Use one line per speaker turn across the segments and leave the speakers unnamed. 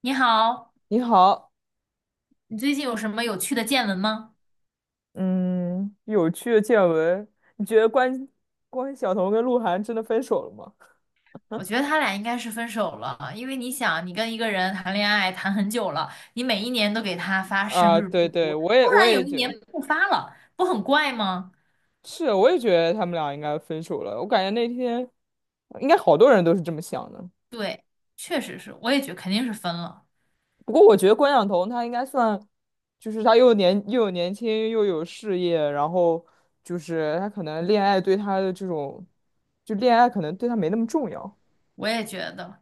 你好，
你好，
你最近有什么有趣的见闻吗？
嗯，有趣的见闻，你觉得关晓彤跟鹿晗真的分手了吗？
我觉得他俩应该是分手了，因为你想，你跟一个人谈恋爱谈很久了，你每一年都给他发生
啊，
日
对
祝
对，
福，
我
突
也我
然有
也
一
觉
年
得
不发了，不很怪吗？
是，我也觉得他们俩应该分手了。我感觉那天应该好多人都是这么想的。
对，确实是，我也觉肯定是分了，
不过我觉得关晓彤她应该算，就是她又有年轻又有事业，然后就是她可能恋爱对她的这种，就恋爱可能对她没那么重要。
我也觉得。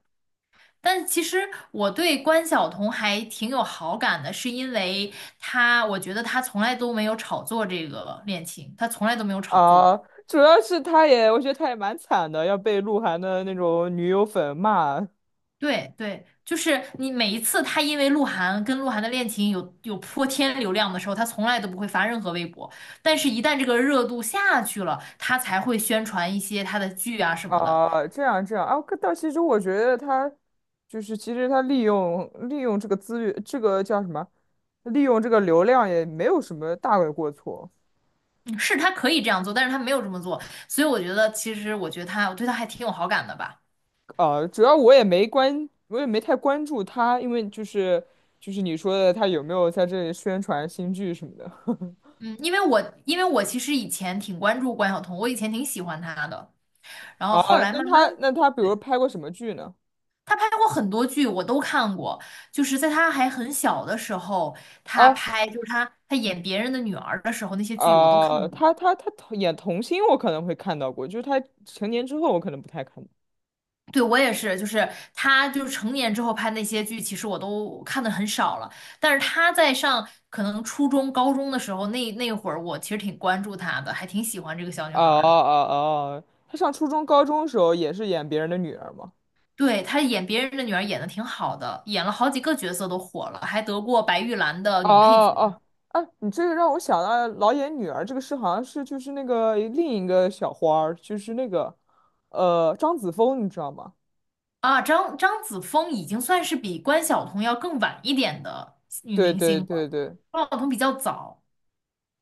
但其实我对关晓彤还挺有好感的，是因为她，我觉得她从来都没有炒作这个恋情，她从来都没有炒作
啊，
过。
主要是他也，我觉得他也蛮惨的，要被鹿晗的那种女友粉骂。
对对，就是你每一次他因为鹿晗跟鹿晗的恋情有泼天流量的时候，他从来都不会发任何微博，但是一旦这个热度下去了，他才会宣传一些他的剧啊什么的。
啊，这样这样啊，可但其实我觉得他就是其实他利用这个资源，这个叫什么？利用这个流量也没有什么大的过错。
嗯，是他可以这样做，但是他没有这么做，所以我觉得其实我觉得他我对他还挺有好感的吧。
啊，主要我也没关，我也没太关注他，因为就是你说的他有没有在这里宣传新剧什么的。
嗯，因为我其实以前挺关注关晓彤，我以前挺喜欢她的，然后
啊？
后来
那
慢慢。
他那他比如
对。
拍过什么剧呢？
他拍过很多剧，我都看过。就是在他还很小的时候，他
啊？
拍就是他演别人的女儿的时候，那些剧我都看
啊、
过。
他演童星，我可能会看到过，就是他成年之后，我可能不太看到。
对，我也是，就是他就是成年之后拍那些剧，其实我都看的很少了。但是他在上可能初中、高中的时候，那会儿我其实挺关注他的，还挺喜欢这个小女
哦
孩
哦
儿的。
哦，他上初中、高中的时候也是演别人的女儿嘛。
对，她演别人的女儿演的挺好的，演了好几个角色都火了，还得过白玉兰的
哦
女配角。
哦，哎、你这个让我想到老演女儿这个事，好像是就是那个另一个小花儿，就是那个张子枫，你知道吗？
啊，张子枫已经算是比关晓彤要更晚一点的女
对
明
对
星了，
对对，
关晓彤比较早，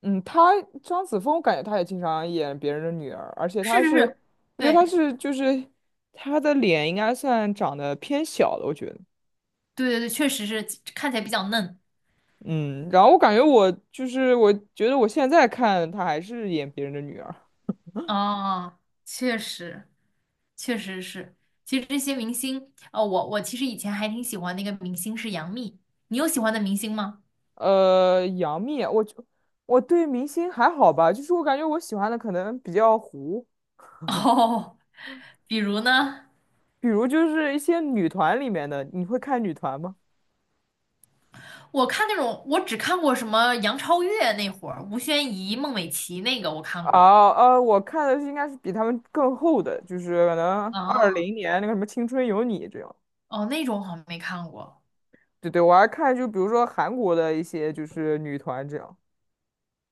嗯，他张子枫，我感觉他也经常演别人的女儿，而且
是
他
是
是，
是，
我觉得他
对
是就是他的脸应该算长得偏小的，我觉得。
对对对，确实是看起来比较嫩
嗯，然后我感觉我就是我觉得我现在看她还是演别人的女儿。
啊，确实确实是。其实这些明星，哦，我其实以前还挺喜欢那个明星是杨幂，你有喜欢的明星吗？
杨幂，我对明星还好吧，就是我感觉我喜欢的可能比较糊，
哦，比如呢，
比如就是一些女团里面的，你会看女团吗？
我看那种我只看过什么杨超越那会儿，吴宣仪、孟美岐那个我看过。
啊，我看的是应该是比他们更后的，就是可能二
啊。
零年那个什么《青春有你》这样。
哦，那种好像没看过。
对对，我还看就比如说韩国的一些就是女团这样。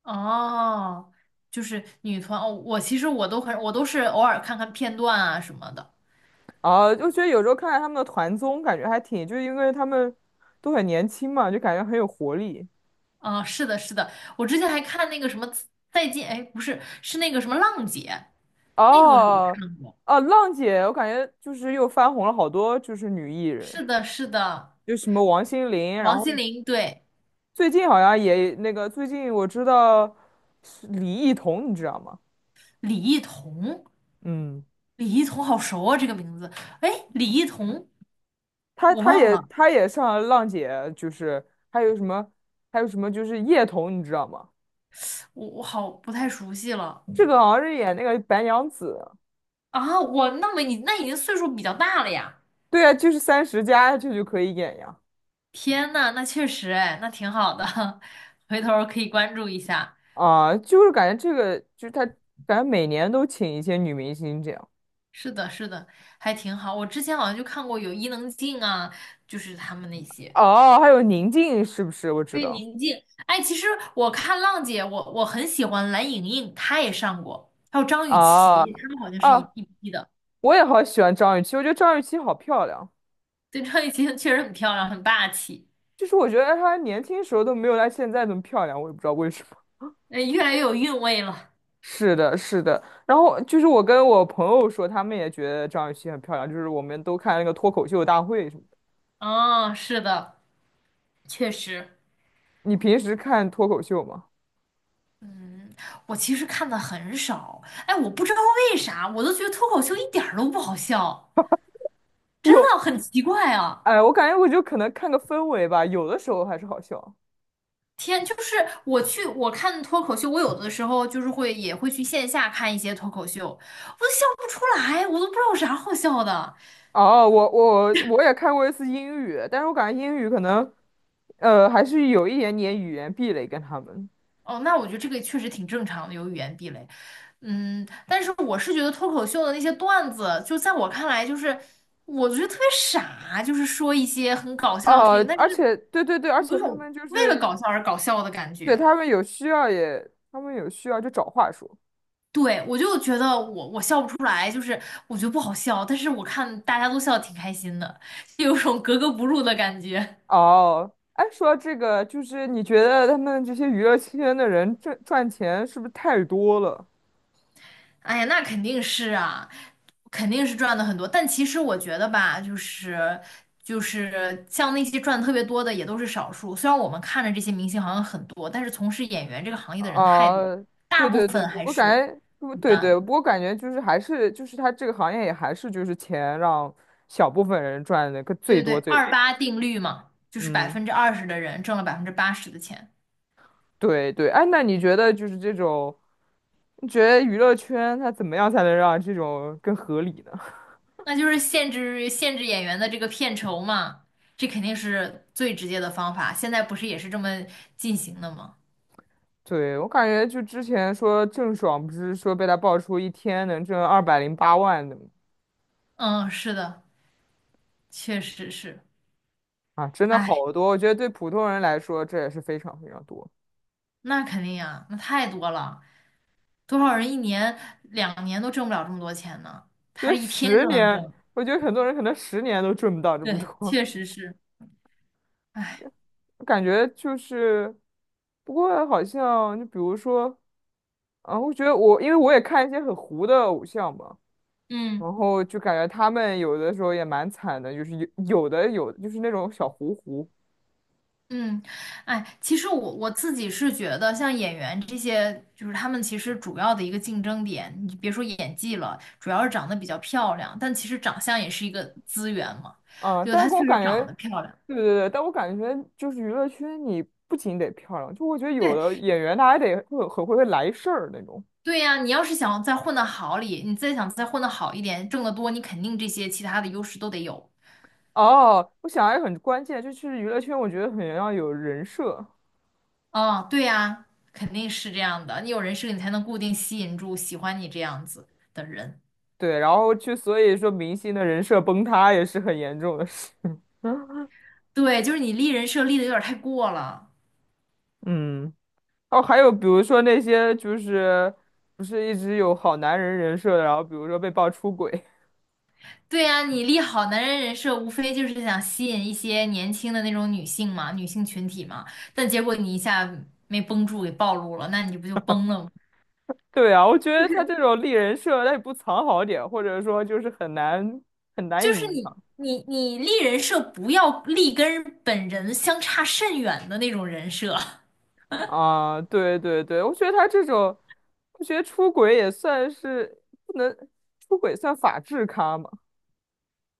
哦，就是女团哦，我其实我都很，我都是偶尔看看片段啊什么的。
啊，就觉得有时候看看他们的团综，感觉还挺，就是因为他们都很年轻嘛，就感觉很有活力。
啊、是的，是的，我之前还看那个什么再见，哎，不是，是那个什么浪姐，那个我
哦，
看过。
哦，浪姐，我感觉就是又翻红了好多，就是女艺人，
是的，是的，
就什么王心凌，然
王心
后
凌，对，
最近好像也那个，最近我知道是李艺彤，你知道吗？
李艺彤，
嗯，
李艺彤好熟啊，这个名字。哎，李艺彤，
她
我
她
忘
也
了，
她也上了浪姐，就是还有什么还有什么就是叶童，你知道吗？
我我好不太熟悉了
这个好像是演那个白娘子，
啊。我那么你那已经岁数比较大了呀。
对啊，就是30+这就可以演呀。
天呐，那确实哎，那挺好的，回头儿可以关注一下。
啊，就是感觉这个，就是他感觉每年都请一些女明星这样。
是的，是的，还挺好。我之前好像就看过有伊能静啊，就是他们那些。
哦，还有宁静是不是？我知
对，
道。
宁静。哎，其实我看浪姐，我很喜欢蓝盈莹，她也上过，还有张雨
啊
绮，她们好像是一
啊，
一批的。
我也好喜欢张雨绮，我觉得张雨绮好漂亮。
对，张雨绮确实很漂亮，很霸气，
就是我觉得她年轻时候都没有她现在那么漂亮，我也不知道为什么。
哎，越来越有韵味了。
是的，是的。然后就是我跟我朋友说，他们也觉得张雨绮很漂亮，就是我们都看那个脱口秀大会什么的。
哦，是的，确实。
你平时看脱口秀吗？
嗯，我其实看的很少，哎，我不知道为啥，我都觉得脱口秀一点儿都不好笑，真的
有，
很奇怪啊！
哎，我感觉我就可能看个氛围吧，有的时候还是好笑。
天，就是我看脱口秀，我有的时候就是会也会去线下看一些脱口秀，我都笑不出来，我都不知道有啥好笑的。
哦，我也看过一次英语，但是我感觉英语可能，还是有一点点语言壁垒跟他们。
哦，那我觉得这个确实挺正常的，有语言壁垒。嗯，但是我是觉得脱口秀的那些段子，就在我看来，就是我觉得特别傻，就是说一些很搞笑的事情，但
而
是。
且对对对，而
有一
且他
种
们就
为了
是
搞笑而搞笑的感
对
觉。
他们有需要也，他们有需要就找话说。
对，我就觉得我笑不出来，就是我觉得不好笑，但是我看大家都笑得挺开心的，就有种格格不入的感觉。
哦，哎，说到这个，就是你觉得他们这些娱乐圈的人赚钱是不是太多了？
哎呀，那肯定是啊，肯定是赚的很多。但其实我觉得吧，就是就是像那些赚得特别多的也都是少数。虽然我们看着这些明星好像很多，但是从事演员这个行业的人太多，
啊，对
大部
对对，
分
不
还
过感
是
觉不
一
对
般。
对，不过感觉就是还是就是他这个行业也还是就是钱让小部分人赚的个最
对对
多
对，
最
二
多。
八定律嘛，就是百
嗯，
分之二十的人挣了百分之八十的钱，
对对，哎，那你觉得就是这种，你觉得娱乐圈它怎么样才能让这种更合理呢？
那就是限制演员的这个片酬嘛，这肯定是最直接的方法。现在不是也是这么进行的吗？
对，我感觉就之前说郑爽不是说被他爆出一天能挣208万的吗？
嗯，是的，确实是。
啊，真的
哎，
好多，我觉得对普通人来说这也是非常非常多。
那肯定呀，那太多了，多少人一年两年都挣不了这么多钱呢？
因
他
为
一天
十
就能
年，
挣，
我觉得很多人可能十年都赚不到这么
对，
多，
确实是。哎，
感觉就是，不过好像就比如说，啊，我觉得因为我也看一些很糊的偶像嘛，
嗯。
然后就感觉他们有的时候也蛮惨的，就是有就是那种小糊糊，
嗯，哎，其实我我自己是觉得，像演员这些，就是他们其实主要的一个竞争点，你别说演技了，主要是长得比较漂亮，但其实长相也是一个资源嘛，
啊，
就
但是
她
给
确
我
实
感
长
觉，
得漂亮。
对对对，但我感觉就是娱乐圈你不仅得漂亮，就我觉得有的
对，
演员他还得会很会来事儿那种。
对呀，你要是想再混得好里，你再想再混得好一点，挣得多，你肯定这些其他的优势都得有。
哦，我想还有很关键，就是娱乐圈，我觉得很要有人设，
啊，对呀，肯定是这样的，你有人设，你才能固定吸引住喜欢你这样子的人。
对，然后就所以说明星的人设崩塌也是很严重的事。
对，就是你立人设立的有点太过了。
嗯，哦，还有比如说那些就是不是一直有好男人人设的，然后比如说被爆出轨，
对呀，你立好男人人设，无非就是想吸引一些年轻的那种女性嘛，女性群体嘛。但结果你一下没绷住，给暴露了，那你不就崩了吗？
对啊，我觉得他这种立人设，他也不藏好点，或者说就是很难很难
就是
隐
你
藏
你你立人设，不要立跟本人相差甚远的那种人设。
啊。对对对，我觉得他这种，我觉得出轨也算是不能出轨算法制咖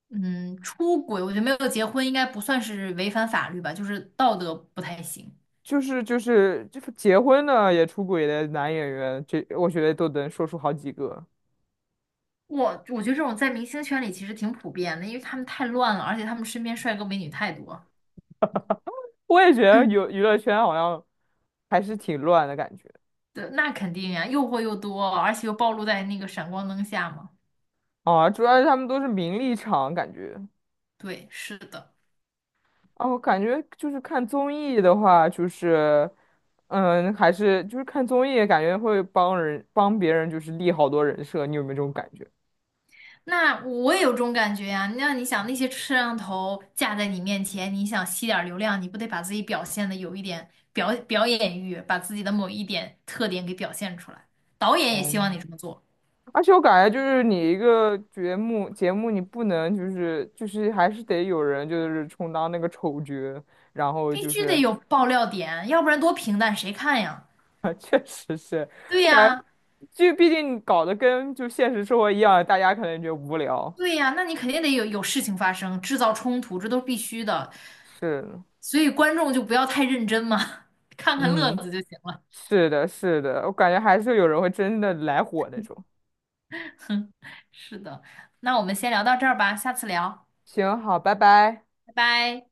嗯，出轨，我觉得没有结婚应该不算是违反法律吧，就是道德不太行。
就是结婚的也出轨的男演员，这我觉得都能说出好几个。
我觉得这种在明星圈里其实挺普遍的，因为他们太乱了，而且他们身边帅哥美女太多。
我也觉得有 娱乐圈好像还是挺乱的感觉
对，那肯定呀，诱惑又多，而且又暴露在那个闪光灯下嘛。
啊，主要是他们都是名利场感觉
对，是的。
啊，我感觉就是看综艺的话，就是还是就是看综艺感觉会帮别人就是立好多人设，你有没有这种感觉？
那我也有这种感觉呀。那你想，那些摄像头架在你面前，你想吸点儿流量，你不得把自己表现的有一点表演欲，把自己的某一点特点给表现出来。导演也希望你这么做，
而且我感觉就是你一个节目，你不能就是还是得有人就是充当那个丑角，然后
必
就
须得
是
有爆料点，要不然多平淡谁看呀？
确实是
对
我感
呀，
觉，就毕竟你搞得跟就现实生活一样，大家可能觉得无聊。
对呀，那你肯定得有事情发生，制造冲突，这都是必须的。
是，
所以观众就不要太认真嘛，看看乐
嗯，
子就行了。
是的，是的，我感觉还是有人会真的来火那种。
是的，那我们先聊到这儿吧，下次聊，
行，好，拜拜。
拜拜。